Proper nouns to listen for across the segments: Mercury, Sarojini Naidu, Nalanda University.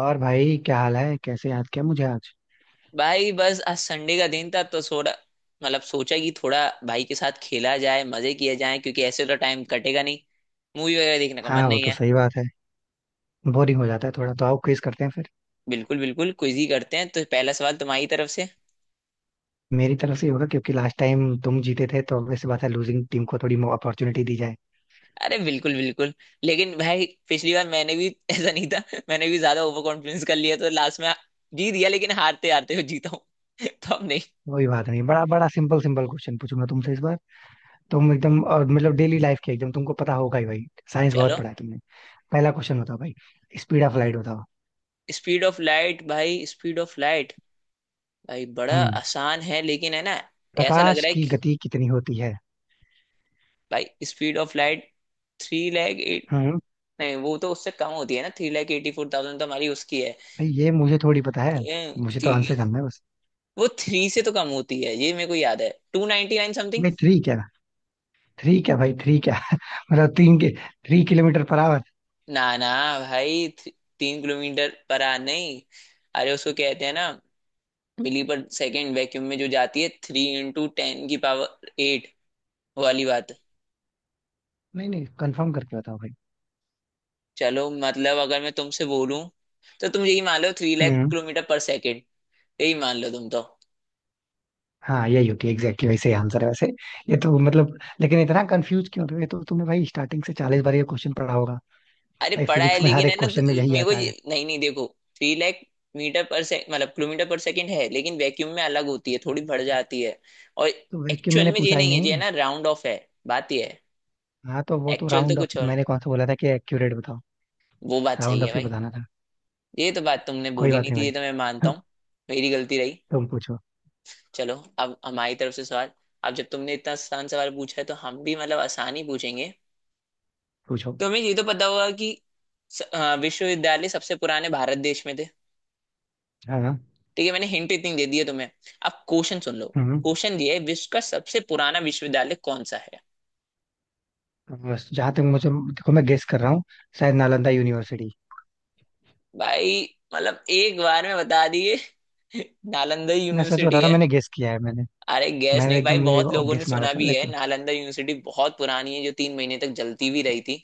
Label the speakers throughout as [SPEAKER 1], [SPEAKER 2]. [SPEAKER 1] और भाई, क्या हाल है? कैसे याद किया मुझे आज?
[SPEAKER 2] भाई बस आज संडे का दिन था तो थोड़ा मतलब सोचा कि थोड़ा भाई के साथ खेला जाए मजे किया जाए, क्योंकि ऐसे तो टाइम कटेगा नहीं। मूवी वगैरह देखने का मन
[SPEAKER 1] हाँ, वो
[SPEAKER 2] नहीं
[SPEAKER 1] तो
[SPEAKER 2] है।
[SPEAKER 1] सही बात है। बोरिंग हो जाता है थोड़ा, तो आओ क्विज करते हैं फिर।
[SPEAKER 2] बिल्कुल बिल्कुल, क्विज ही करते हैं तो पहला सवाल तुम्हारी तरफ से।
[SPEAKER 1] मेरी तरफ से ही होगा क्योंकि लास्ट टाइम तुम जीते थे, तो वैसे बात है, लूजिंग टीम को थोड़ी अपॉर्चुनिटी दी जाए।
[SPEAKER 2] अरे बिल्कुल बिल्कुल, लेकिन भाई पिछली बार मैंने भी ऐसा नहीं था। मैंने भी ज्यादा ओवर कॉन्फिडेंस कर लिया तो लास्ट में जीत गया, लेकिन हारते हारते हुए जीता हूँ। तो अब नहीं।
[SPEAKER 1] वही बात नहीं, बड़ा बड़ा सिंपल सिंपल क्वेश्चन पूछूंगा तुमसे इस बार। तुम एकदम और मतलब डेली लाइफ के एकदम, तुमको पता होगा ही भाई, साइंस
[SPEAKER 2] चलो।
[SPEAKER 1] बहुत पढ़ा है तुमने। पहला क्वेश्चन बताओ भाई। स्पीड ऑफ लाइट बताओ।
[SPEAKER 2] स्पीड ऑफ लाइट, भाई स्पीड ऑफ लाइट, भाई बड़ा
[SPEAKER 1] हम्म।
[SPEAKER 2] आसान है लेकिन है ना। ऐसा लग
[SPEAKER 1] प्रकाश
[SPEAKER 2] रहा है
[SPEAKER 1] की
[SPEAKER 2] कि
[SPEAKER 1] गति कितनी होती है?
[SPEAKER 2] भाई speed of light three lakh eight.
[SPEAKER 1] हम्म।
[SPEAKER 2] नहीं, वो तो उससे कम होती है ना। Three lakh eighty four thousand तो हमारी उसकी है।
[SPEAKER 1] भाई ये मुझे थोड़ी पता है,
[SPEAKER 2] ए,
[SPEAKER 1] मुझे तो आंसर
[SPEAKER 2] कि-
[SPEAKER 1] जानना है बस।
[SPEAKER 2] वो थ्री से तो कम होती है, ये मेरे को याद है। Two ninety nine something.
[SPEAKER 1] भाई थ्री क्या? थ्री क्या भाई? थ्री क्या? मतलब तीन के, थ्री किलोमीटर पर आवर?
[SPEAKER 2] ना ना, भाई तीन किलोमीटर पर आ नहीं। अरे, उसको कहते हैं ना, मिली पर सेकेंड, वैक्यूम में जो जाती है, थ्री इंटू टेन की पावर एट वाली बात।
[SPEAKER 1] नहीं नहीं, कंफर्म करके बताओ भाई।
[SPEAKER 2] चलो, मतलब अगर मैं तुमसे बोलूं तो तुम यही मान लो, थ्री लाख
[SPEAKER 1] हम्म।
[SPEAKER 2] Kilometre per second. यही मान लो तुम तो।
[SPEAKER 1] हाँ, यही होती है एग्जैक्टली, वैसे आंसर है वैसे। ये तो मतलब, लेकिन इतना कंफ्यूज क्यों हो रहे हो? ये तो तुमने भाई स्टार्टिंग से 40 बार ये क्वेश्चन पढ़ा होगा।
[SPEAKER 2] अरे
[SPEAKER 1] भाई
[SPEAKER 2] पड़ा है
[SPEAKER 1] फिजिक्स में हर
[SPEAKER 2] लेकिन है
[SPEAKER 1] एक
[SPEAKER 2] ना
[SPEAKER 1] क्वेश्चन
[SPEAKER 2] तो
[SPEAKER 1] में यही
[SPEAKER 2] मेरे को
[SPEAKER 1] आता है।
[SPEAKER 2] नहीं नहीं, देखो, थ्री लाख मीटर पर से, मतलब किलोमीटर पर सेकंड है, लेकिन वैक्यूम में अलग होती है, थोड़ी बढ़ जाती है। और
[SPEAKER 1] तो भाई, कि
[SPEAKER 2] एक्चुअल
[SPEAKER 1] मैंने
[SPEAKER 2] में ये
[SPEAKER 1] पूछा ही
[SPEAKER 2] नहीं है, ये है
[SPEAKER 1] नहीं।
[SPEAKER 2] ना, राउंड ऑफ है, बात ये है।
[SPEAKER 1] हाँ, तो वो तो
[SPEAKER 2] एक्चुअल तो
[SPEAKER 1] राउंड ऑफ,
[SPEAKER 2] कुछ और है।
[SPEAKER 1] मैंने कौन सा बोला था कि एक्यूरेट बताओ?
[SPEAKER 2] वो बात
[SPEAKER 1] राउंड
[SPEAKER 2] सही है
[SPEAKER 1] ऑफ ही
[SPEAKER 2] भाई।
[SPEAKER 1] बताना था।
[SPEAKER 2] ये तो बात तुमने
[SPEAKER 1] कोई
[SPEAKER 2] बोली
[SPEAKER 1] बात
[SPEAKER 2] नहीं
[SPEAKER 1] नहीं
[SPEAKER 2] थी, ये तो मैं मानता
[SPEAKER 1] भाई।
[SPEAKER 2] हूँ। मेरी गलती रही।
[SPEAKER 1] तुम पूछो।
[SPEAKER 2] चलो। अब हमारी तरफ से सवाल। अब जब तुमने इतना आसान सवाल पूछा है, तो हम भी मतलब आसान ही पूछेंगे।
[SPEAKER 1] पूछो।
[SPEAKER 2] तुम्हें ये तो पता होगा कि विश्वविद्यालय सबसे पुराने भारत देश में थे।
[SPEAKER 1] हाँ हाँ,
[SPEAKER 2] ठीक है, मैंने हिंट इतनी दे दी है तुम्हें। अब क्वेश्चन सुन लो।
[SPEAKER 1] हम्म।
[SPEAKER 2] क्वेश्चन ये है, विश्व का सबसे पुराना विश्वविद्यालय कौन सा है?
[SPEAKER 1] बस जहाँ तक मुझे, देखो मैं गेस कर रहा हूँ, शायद नालंदा यूनिवर्सिटी।
[SPEAKER 2] भाई, मतलब एक बार में बता दिए। नालंदा
[SPEAKER 1] मैं सच बता
[SPEAKER 2] यूनिवर्सिटी
[SPEAKER 1] रहा हूँ,
[SPEAKER 2] है।
[SPEAKER 1] मैंने गेस किया है मैंने।
[SPEAKER 2] अरे गैस
[SPEAKER 1] मैंने
[SPEAKER 2] नहीं
[SPEAKER 1] एकदम
[SPEAKER 2] भाई,
[SPEAKER 1] मुझे
[SPEAKER 2] बहुत लोगों
[SPEAKER 1] गेस
[SPEAKER 2] ने
[SPEAKER 1] मारा
[SPEAKER 2] सुना
[SPEAKER 1] था,
[SPEAKER 2] भी है,
[SPEAKER 1] लेकिन
[SPEAKER 2] नालंदा यूनिवर्सिटी बहुत पुरानी है, जो 3 महीने तक जलती भी रही थी।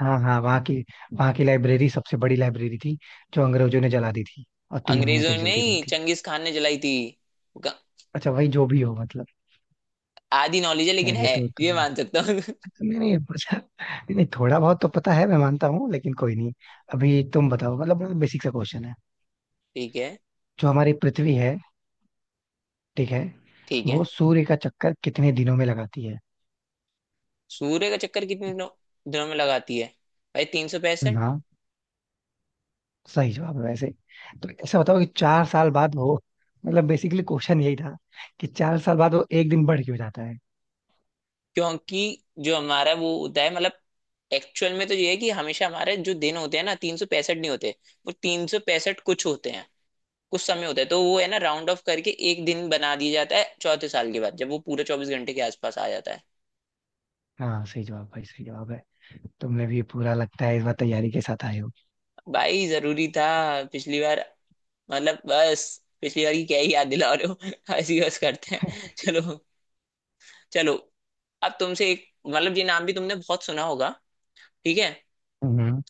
[SPEAKER 1] हाँ हाँ, वहाँ की लाइब्रेरी सबसे बड़ी लाइब्रेरी थी, जो अंग्रेजों ने जला दी थी और 3 महीने
[SPEAKER 2] अंग्रेजों
[SPEAKER 1] तक
[SPEAKER 2] ने
[SPEAKER 1] जलती रही
[SPEAKER 2] नहीं,
[SPEAKER 1] थी।
[SPEAKER 2] चंगेज खान ने जलाई थी। ग-
[SPEAKER 1] अच्छा भाई जो भी हो, मतलब
[SPEAKER 2] आधी नॉलेज है लेकिन
[SPEAKER 1] खैर ये
[SPEAKER 2] है,
[SPEAKER 1] तो
[SPEAKER 2] ये
[SPEAKER 1] थोड़ा,
[SPEAKER 2] मान सकता हूँ।
[SPEAKER 1] नहीं नहीं पता नहीं, नहीं, थोड़ा बहुत तो पता है, मैं मानता हूँ, लेकिन कोई नहीं। अभी तुम बताओ, मतलब बहुत बेसिक सा क्वेश्चन है।
[SPEAKER 2] ठीक है।
[SPEAKER 1] जो हमारी पृथ्वी है, ठीक है,
[SPEAKER 2] ठीक है।
[SPEAKER 1] वो सूर्य का चक्कर कितने दिनों में लगाती है?
[SPEAKER 2] सूर्य का चक्कर कितने दिनों दिनों में लगाती है? भाई 365।
[SPEAKER 1] हाँ, सही जवाब है वैसे। तो ऐसा बताओ कि 4 साल बाद वो, मतलब बेसिकली क्वेश्चन यही था कि 4 साल बाद वो एक दिन बढ़ क्यों जाता है?
[SPEAKER 2] क्योंकि जो हमारा वो होता है, मतलब एक्चुअल में तो ये है कि हमेशा हमारे जो दिन होते हैं ना, 365 नहीं होते। वो 365 कुछ होते हैं, कुछ समय होता है, तो वो है ना राउंड ऑफ करके एक दिन बना दिया जाता है, चौथे साल के बाद जब वो पूरा 24 घंटे के आसपास आ जाता है।
[SPEAKER 1] हाँ, सही जवाब भाई, सही जवाब है। तुमने भी पूरा लगता है इस बार तैयारी के साथ आए हो।
[SPEAKER 2] भाई जरूरी था। पिछली बार, मतलब बस, पिछली बार की क्या ही याद दिला रहे हो। ऐसी बस करते हैं, चलो। चलो। अब तुमसे एक, मतलब ये नाम भी तुमने बहुत सुना होगा। ठीक है।
[SPEAKER 1] हम्म।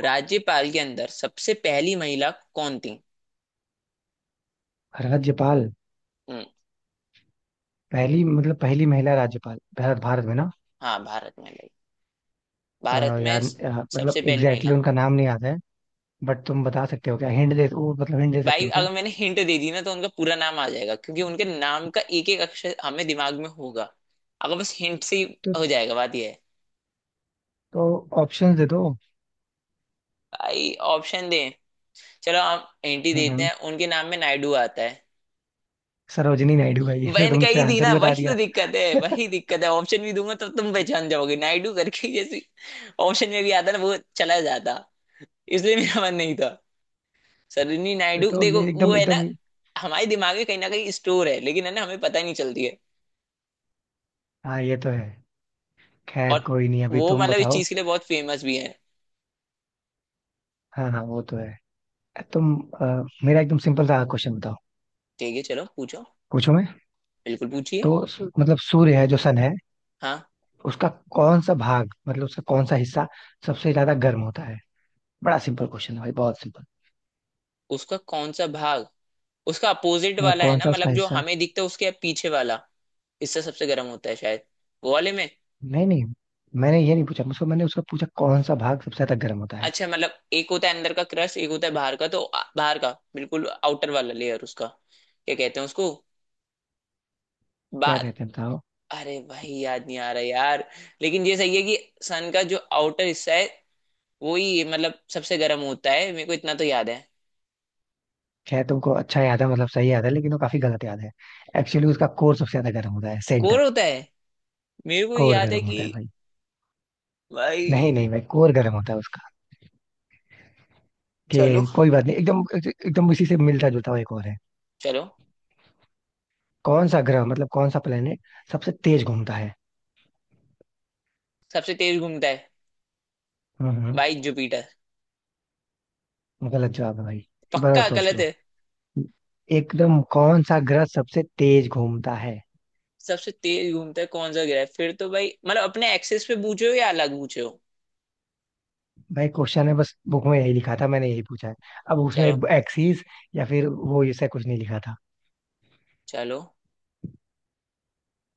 [SPEAKER 2] राज्यपाल के अंदर सबसे पहली महिला कौन थी?
[SPEAKER 1] राज्यपाल?
[SPEAKER 2] हम्म,
[SPEAKER 1] पहली मतलब पहली महिला राज्यपाल भारत, भारत में ना?
[SPEAKER 2] हाँ भारत में भाई।
[SPEAKER 1] अ,
[SPEAKER 2] भारत में
[SPEAKER 1] यार, मतलब
[SPEAKER 2] सबसे पहली
[SPEAKER 1] एग्जैक्टली exactly
[SPEAKER 2] महिला।
[SPEAKER 1] उनका नाम नहीं आता है। बट तुम बता सकते हो क्या, हिंट दे वो, मतलब हिंट दे सकते
[SPEAKER 2] भाई
[SPEAKER 1] हो क्या?
[SPEAKER 2] अगर मैंने हिंट दे दी ना, तो उनका पूरा नाम आ जाएगा, क्योंकि उनके नाम का एक एक अक्षर हमें दिमाग में होगा। अगर बस हिंट से ही
[SPEAKER 1] तो
[SPEAKER 2] हो जाएगा, बात यह है।
[SPEAKER 1] तो ऑप्शंस दे दो।
[SPEAKER 2] भाई ऑप्शन दें। चलो, हम हिंट ही देते
[SPEAKER 1] हम्म।
[SPEAKER 2] हैं, उनके नाम में नायडू आता है।
[SPEAKER 1] सरोजिनी नायडू है? ये तो
[SPEAKER 2] बहन का
[SPEAKER 1] तुमने फिर
[SPEAKER 2] ही दी
[SPEAKER 1] आंसर
[SPEAKER 2] ना,
[SPEAKER 1] ही बता
[SPEAKER 2] वही तो
[SPEAKER 1] दिया।
[SPEAKER 2] दिक्कत है, वही दिक्कत है। ऑप्शन भी दूंगा तो तुम पहचान जाओगे, नायडू करके जैसे ऑप्शन में भी आता ना, वो चला जाता। इसलिए मेरा मन नहीं था। सरोजिनी
[SPEAKER 1] ये
[SPEAKER 2] नायडू,
[SPEAKER 1] तो
[SPEAKER 2] देखो
[SPEAKER 1] ये
[SPEAKER 2] वो
[SPEAKER 1] एकदम
[SPEAKER 2] है ना,
[SPEAKER 1] एकदम।
[SPEAKER 2] हमारे दिमाग में कहीं ना कहीं स्टोर है, लेकिन है ना, हमें पता ही नहीं चलती है।
[SPEAKER 1] हाँ, ये तो है। खैर
[SPEAKER 2] और
[SPEAKER 1] कोई नहीं, अभी
[SPEAKER 2] वो
[SPEAKER 1] तुम
[SPEAKER 2] मतलब इस
[SPEAKER 1] बताओ।
[SPEAKER 2] चीज के लिए बहुत फेमस भी है।
[SPEAKER 1] हाँ हाँ, वो तो है। तुम, अ, मेरा एकदम सिंपल सा क्वेश्चन बताओ।
[SPEAKER 2] ठीक है, चलो पूछो।
[SPEAKER 1] पूछो मैं।
[SPEAKER 2] बिल्कुल पूछिए।
[SPEAKER 1] तो मतलब सूर्य है, जो सन है,
[SPEAKER 2] हाँ।
[SPEAKER 1] उसका कौन सा भाग, मतलब उसका कौन सा हिस्सा सबसे ज्यादा गर्म होता है? बड़ा सिंपल क्वेश्चन है भाई, बहुत सिंपल।
[SPEAKER 2] उसका कौन सा भाग? उसका अपोजिट वाला है
[SPEAKER 1] कौन
[SPEAKER 2] ना,
[SPEAKER 1] सा उसका
[SPEAKER 2] मतलब जो
[SPEAKER 1] हिस्सा?
[SPEAKER 2] हमें दिखता है उसके पीछे वाला। इससे सबसे गर्म होता है शायद, वो वाले में।
[SPEAKER 1] नहीं नहीं, मैंने ये नहीं पूछा मुझको, मैंने उसका पूछा कौन सा भाग सबसे ज्यादा गर्म होता है।
[SPEAKER 2] अच्छा, मतलब एक होता है अंदर का क्रस्ट, एक होता है बाहर का, तो बाहर का बिल्कुल आउटर वाला लेयर, उसका क्या कहते हैं उसको?
[SPEAKER 1] क्या
[SPEAKER 2] बात।
[SPEAKER 1] कहते हैं बताओ?
[SPEAKER 2] अरे भाई याद नहीं आ रहा यार। लेकिन ये सही है कि सन का जो आउटर हिस्सा है, वही मतलब सबसे गर्म होता है, मेरे को इतना तो याद है।
[SPEAKER 1] खैर तुमको अच्छा याद है, मतलब सही याद है, लेकिन वो काफी गलत याद है। एक्चुअली उसका कोर सबसे ज्यादा गर्म होता है, सेंटर।
[SPEAKER 2] कोर होता है। मेरे को
[SPEAKER 1] कोर
[SPEAKER 2] याद है
[SPEAKER 1] गर्म
[SPEAKER 2] कि
[SPEAKER 1] होता है भाई।
[SPEAKER 2] भाई।
[SPEAKER 1] नहीं नहीं भाई, कोर गर्म होता है उसका।
[SPEAKER 2] चलो।
[SPEAKER 1] कि कोई बात नहीं, एकदम एकदम इसी से मिलता जुलता हुआ एक और है।
[SPEAKER 2] चलो।
[SPEAKER 1] कौन सा ग्रह मतलब कौन सा प्लेनेट सबसे तेज घूमता है?
[SPEAKER 2] सबसे तेज घूमता है?
[SPEAKER 1] हम्म।
[SPEAKER 2] भाई जुपिटर।
[SPEAKER 1] गलत जवाब है भाई। एक बार और
[SPEAKER 2] पक्का
[SPEAKER 1] सोच
[SPEAKER 2] गलत
[SPEAKER 1] लो।
[SPEAKER 2] है।
[SPEAKER 1] एकदम कौन सा ग्रह सबसे तेज घूमता है?
[SPEAKER 2] सबसे तेज घूमता है कौन सा ग्रह है? फिर तो भाई, मतलब अपने एक्सेस पे पूछे हो या अलग पूछे हो?
[SPEAKER 1] भाई क्वेश्चन है, बस बुक में यही लिखा था, मैंने यही पूछा है। अब उसमें
[SPEAKER 2] चलो।
[SPEAKER 1] एक्सिस या फिर वो, ऐसा कुछ नहीं लिखा था।
[SPEAKER 2] चलो,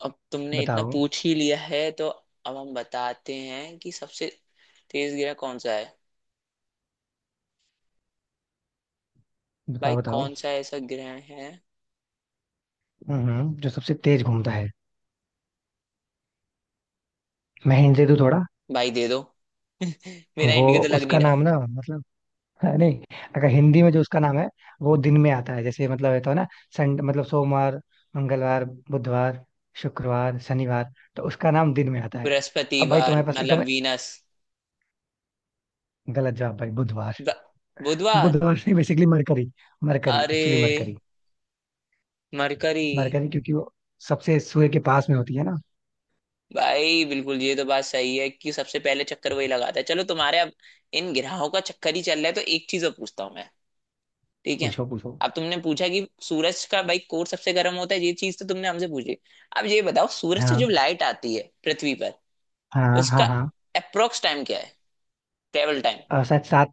[SPEAKER 2] अब तुमने इतना
[SPEAKER 1] बताओ
[SPEAKER 2] पूछ ही लिया है, तो अब हम बताते हैं कि सबसे तेज ग्रह कौन सा है। भाई
[SPEAKER 1] बताओ। बताओ
[SPEAKER 2] कौन सा ऐसा ग्रह है?
[SPEAKER 1] जो सबसे तेज घूमता है। मैं हिंट दे दूं थोड़ा?
[SPEAKER 2] भाई दे दो। मेरा
[SPEAKER 1] वो
[SPEAKER 2] इंडिया तो लग नहीं
[SPEAKER 1] उसका नाम
[SPEAKER 2] रहा।
[SPEAKER 1] ना, मतलब नहीं, अगर हिंदी में जो उसका नाम है, वो दिन में आता है। जैसे मतलब ये तो है ना, संडे मतलब सोमवार, मंगलवार, बुधवार, शुक्रवार, शनिवार, तो उसका नाम दिन में आता है। अब भाई
[SPEAKER 2] बृहस्पतिवार,
[SPEAKER 1] तुम्हारे पास एकदम,
[SPEAKER 2] मतलब वीनस।
[SPEAKER 1] गलत जवाब भाई, बुधवार?
[SPEAKER 2] ब- बुधवार।
[SPEAKER 1] बुधवार नहीं, बेसिकली मरकरी। मरकरी
[SPEAKER 2] अरे
[SPEAKER 1] एक्चुअली, मरकरी।
[SPEAKER 2] मरकरी।
[SPEAKER 1] मरकरी क्योंकि वो सबसे सूर्य के पास में होती है ना।
[SPEAKER 2] भाई बिल्कुल, ये तो बात सही है कि सबसे पहले चक्कर वही लगाता है। चलो, तुम्हारे अब इन ग्रहों का चक्कर ही चल रहा है, तो एक चीज और पूछता हूँ मैं। ठीक है।
[SPEAKER 1] पूछो पूछो।
[SPEAKER 2] अब तुमने पूछा कि सूरज का भाई कोर सबसे गर्म होता है, ये चीज तो तुमने हमसे पूछी। अब ये बताओ, सूरज से
[SPEAKER 1] हाँ
[SPEAKER 2] जो लाइट आती है पृथ्वी पर,
[SPEAKER 1] हाँ
[SPEAKER 2] उसका
[SPEAKER 1] हाँ। हाँ,
[SPEAKER 2] अप्रोक्स टाइम क्या है, ट्रेवल टाइम?
[SPEAKER 1] और शायद सात,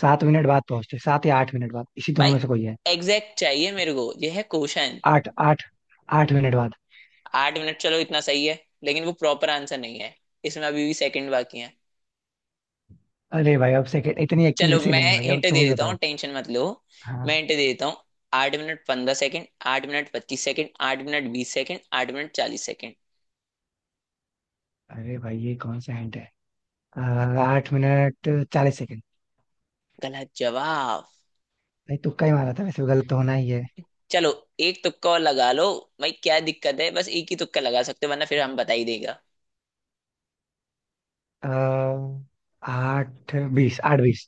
[SPEAKER 1] 7 मिनट बाद पहुंचते, 7 या 8 मिनट बाद, इसी दोनों
[SPEAKER 2] भाई
[SPEAKER 1] में से कोई है।
[SPEAKER 2] एग्जैक्ट चाहिए मेरे को, यह है क्वेश्चन।
[SPEAKER 1] आठ आठ, 8 मिनट बाद।
[SPEAKER 2] 8 मिनट, चलो इतना सही है, लेकिन वो प्रॉपर आंसर नहीं है। इसमें अभी भी सेकंड बाकी है।
[SPEAKER 1] अरे भाई, अब सेकंड इतनी
[SPEAKER 2] चलो,
[SPEAKER 1] एक्यूरेसी
[SPEAKER 2] मैं
[SPEAKER 1] नहीं है भाई,
[SPEAKER 2] हिंट
[SPEAKER 1] अब
[SPEAKER 2] दे
[SPEAKER 1] तुम ही
[SPEAKER 2] देता
[SPEAKER 1] बताओ।
[SPEAKER 2] हूँ, टेंशन मत लो। मैं
[SPEAKER 1] हाँ।
[SPEAKER 2] हिंट दे देता हूँ। 8 minute 15 second, 8 minute 25 second, 8 minute 20 second, 8 minute 40 second.
[SPEAKER 1] अरे भाई, ये कौन सा हिंट है? अ, 8 मिनट 40 सेकंड।
[SPEAKER 2] गलत जवाब।
[SPEAKER 1] भाई तुक्का ही मारा था, वैसे भी गलत तो होना ही है।
[SPEAKER 2] चलो, एक तुक्का और लगा लो। भाई क्या दिक्कत है, बस एक ही तुक्का लगा सकते हो, वरना फिर हम बता ही देगा।
[SPEAKER 1] अ, आठ बीस, आठ बीस।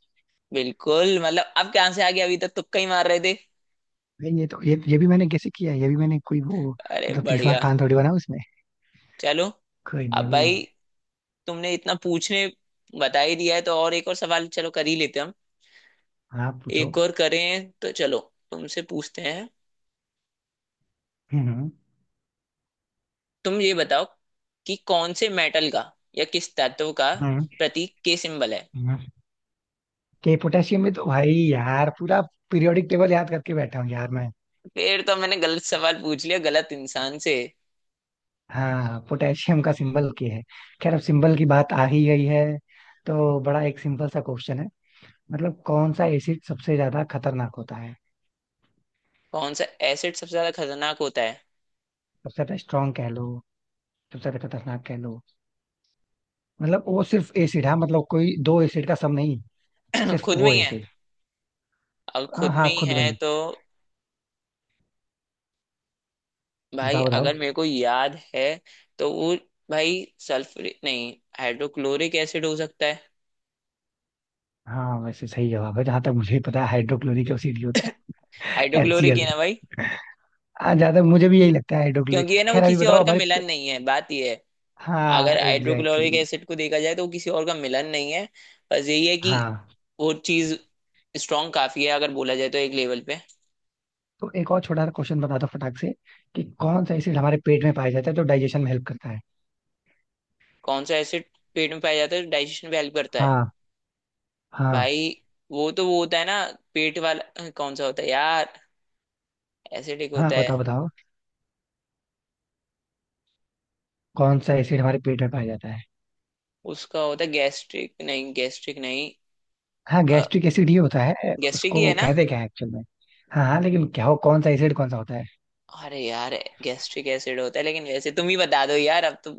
[SPEAKER 2] बिल्कुल, मतलब अब कहाँ से आ गया? अभी तक तुक्का ही मार रहे थे।
[SPEAKER 1] भाई ये तो, ये भी मैंने कैसे किया है, ये भी मैंने कोई वो,
[SPEAKER 2] अरे
[SPEAKER 1] मतलब 30 बार
[SPEAKER 2] बढ़िया।
[SPEAKER 1] खान थोड़ी बना उसमें।
[SPEAKER 2] चलो।
[SPEAKER 1] कोई नहीं
[SPEAKER 2] अब
[SPEAKER 1] अभी।
[SPEAKER 2] भाई, तुमने इतना पूछने बता ही दिया है, तो और एक और सवाल चलो कर ही लेते हैं हम।
[SPEAKER 1] आप पूछो।
[SPEAKER 2] एक और करें तो चलो। तुमसे पूछते हैं।
[SPEAKER 1] हम्म।
[SPEAKER 2] तुम ये बताओ कि कौन से मेटल का या किस तत्व का
[SPEAKER 1] हम्म
[SPEAKER 2] प्रतीक के सिंबल है?
[SPEAKER 1] के, पोटेशियम में तो भाई यार पूरा पीरियोडिक टेबल याद करके बैठा हूँ यार मैं।
[SPEAKER 2] फिर तो मैंने गलत सवाल पूछ लिया, गलत इंसान से।
[SPEAKER 1] हाँ, पोटेशियम का सिंबल क्या है? खैर अब सिंबल की बात आ ही गई है, तो बड़ा एक सिंपल सा क्वेश्चन है, मतलब कौन सा एसिड सबसे ज्यादा खतरनाक होता है?
[SPEAKER 2] कौन सा एसिड सबसे ज्यादा खतरनाक होता है?
[SPEAKER 1] सबसे ज्यादा स्ट्रांग कह लो, सबसे ज्यादा खतरनाक कह लो, मतलब वो सिर्फ एसिड है, मतलब कोई दो एसिड का सम नहीं, सिर्फ
[SPEAKER 2] खुद में
[SPEAKER 1] वो
[SPEAKER 2] ही है।
[SPEAKER 1] एसिड।
[SPEAKER 2] अब
[SPEAKER 1] हाँ
[SPEAKER 2] खुद
[SPEAKER 1] हाँ,
[SPEAKER 2] में ही
[SPEAKER 1] खुद में
[SPEAKER 2] है
[SPEAKER 1] ही।
[SPEAKER 2] तो भाई,
[SPEAKER 1] बताओ बताओ।
[SPEAKER 2] अगर मेरे को याद है तो वो, भाई सल्फर नहीं, हाइड्रोक्लोरिक एसिड हो सकता है।
[SPEAKER 1] हाँ, वैसे सही जवाब है, जहां तक मुझे पता है हाइड्रोक्लोरिक एसिड ही होता है।
[SPEAKER 2] हाइड्रोक्लोरिक है
[SPEAKER 1] HCl।
[SPEAKER 2] ना भाई।
[SPEAKER 1] हाँ, ज्यादा मुझे भी यही लगता है, हाइड्रोक्लोरिक।
[SPEAKER 2] क्योंकि है ना, वो
[SPEAKER 1] खैर अभी
[SPEAKER 2] किसी और
[SPEAKER 1] बताओ
[SPEAKER 2] का
[SPEAKER 1] हमारे।
[SPEAKER 2] मिलन नहीं है, बात ये है।
[SPEAKER 1] हाँ,
[SPEAKER 2] अगर
[SPEAKER 1] एग्जैक्टली
[SPEAKER 2] हाइड्रोक्लोरिक
[SPEAKER 1] exactly।
[SPEAKER 2] एसिड को देखा जाए तो वो किसी और का मिलन नहीं है। बस यही है कि
[SPEAKER 1] हाँ,
[SPEAKER 2] वो चीज स्ट्रांग काफी है, अगर बोला जाए तो एक लेवल पे।
[SPEAKER 1] तो एक और छोटा सा क्वेश्चन बता दो फटाक से, कि कौन सा एसिड हमारे पेट में पाया जाता है जो डाइजेशन में हेल्प करता है?
[SPEAKER 2] कौन सा एसिड पेट में पाया जाता है, डाइजेशन में हेल्प करता है?
[SPEAKER 1] हाँ। हाँ।
[SPEAKER 2] भाई वो तो वो होता है ना, पेट वाला कौन सा होता है यार, एसिडिक
[SPEAKER 1] हाँ
[SPEAKER 2] होता है।
[SPEAKER 1] बताओ बताओ, कौन सा एसिड हमारे पेट में पाया जाता है?
[SPEAKER 2] उसका होता है गैस्ट्रिक, नहीं गैस्ट्रिक नहीं।
[SPEAKER 1] हाँ, गैस्ट्रिक एसिड ही होता है,
[SPEAKER 2] गैस्ट्रिक ही
[SPEAKER 1] उसको
[SPEAKER 2] है ना?
[SPEAKER 1] कहते क्या है एक्चुअल में? हाँ हाँ, लेकिन क्या हो, कौन सा एसिड, कौन सा होता है?
[SPEAKER 2] अरे यार, गैस्ट्रिक एसिड होता है, लेकिन वैसे तुम ही बता दो यार अब तो।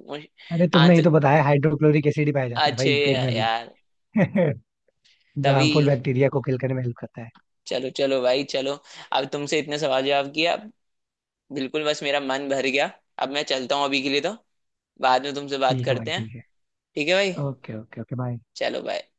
[SPEAKER 1] अरे, तुमने ही
[SPEAKER 2] आंसर
[SPEAKER 1] तो बताया हाइड्रोक्लोरिक एसिड ही पाया जाता है
[SPEAKER 2] अच्छे
[SPEAKER 1] भाई पेट में भी।
[SPEAKER 2] यार।
[SPEAKER 1] जो
[SPEAKER 2] तभी।
[SPEAKER 1] हार्मफुल बैक्टीरिया को किल करने में हेल्प करता है।
[SPEAKER 2] चलो चलो भाई चलो। अब तुमसे इतने सवाल जवाब किया, अब बिल्कुल बस मेरा मन भर गया। अब मैं चलता हूँ अभी के लिए, तो बाद में तुमसे बात
[SPEAKER 1] ठीक है भाई,
[SPEAKER 2] करते हैं।
[SPEAKER 1] ठीक है।
[SPEAKER 2] ठीक है भाई।
[SPEAKER 1] Okay okay okay, bye.
[SPEAKER 2] चलो बाय।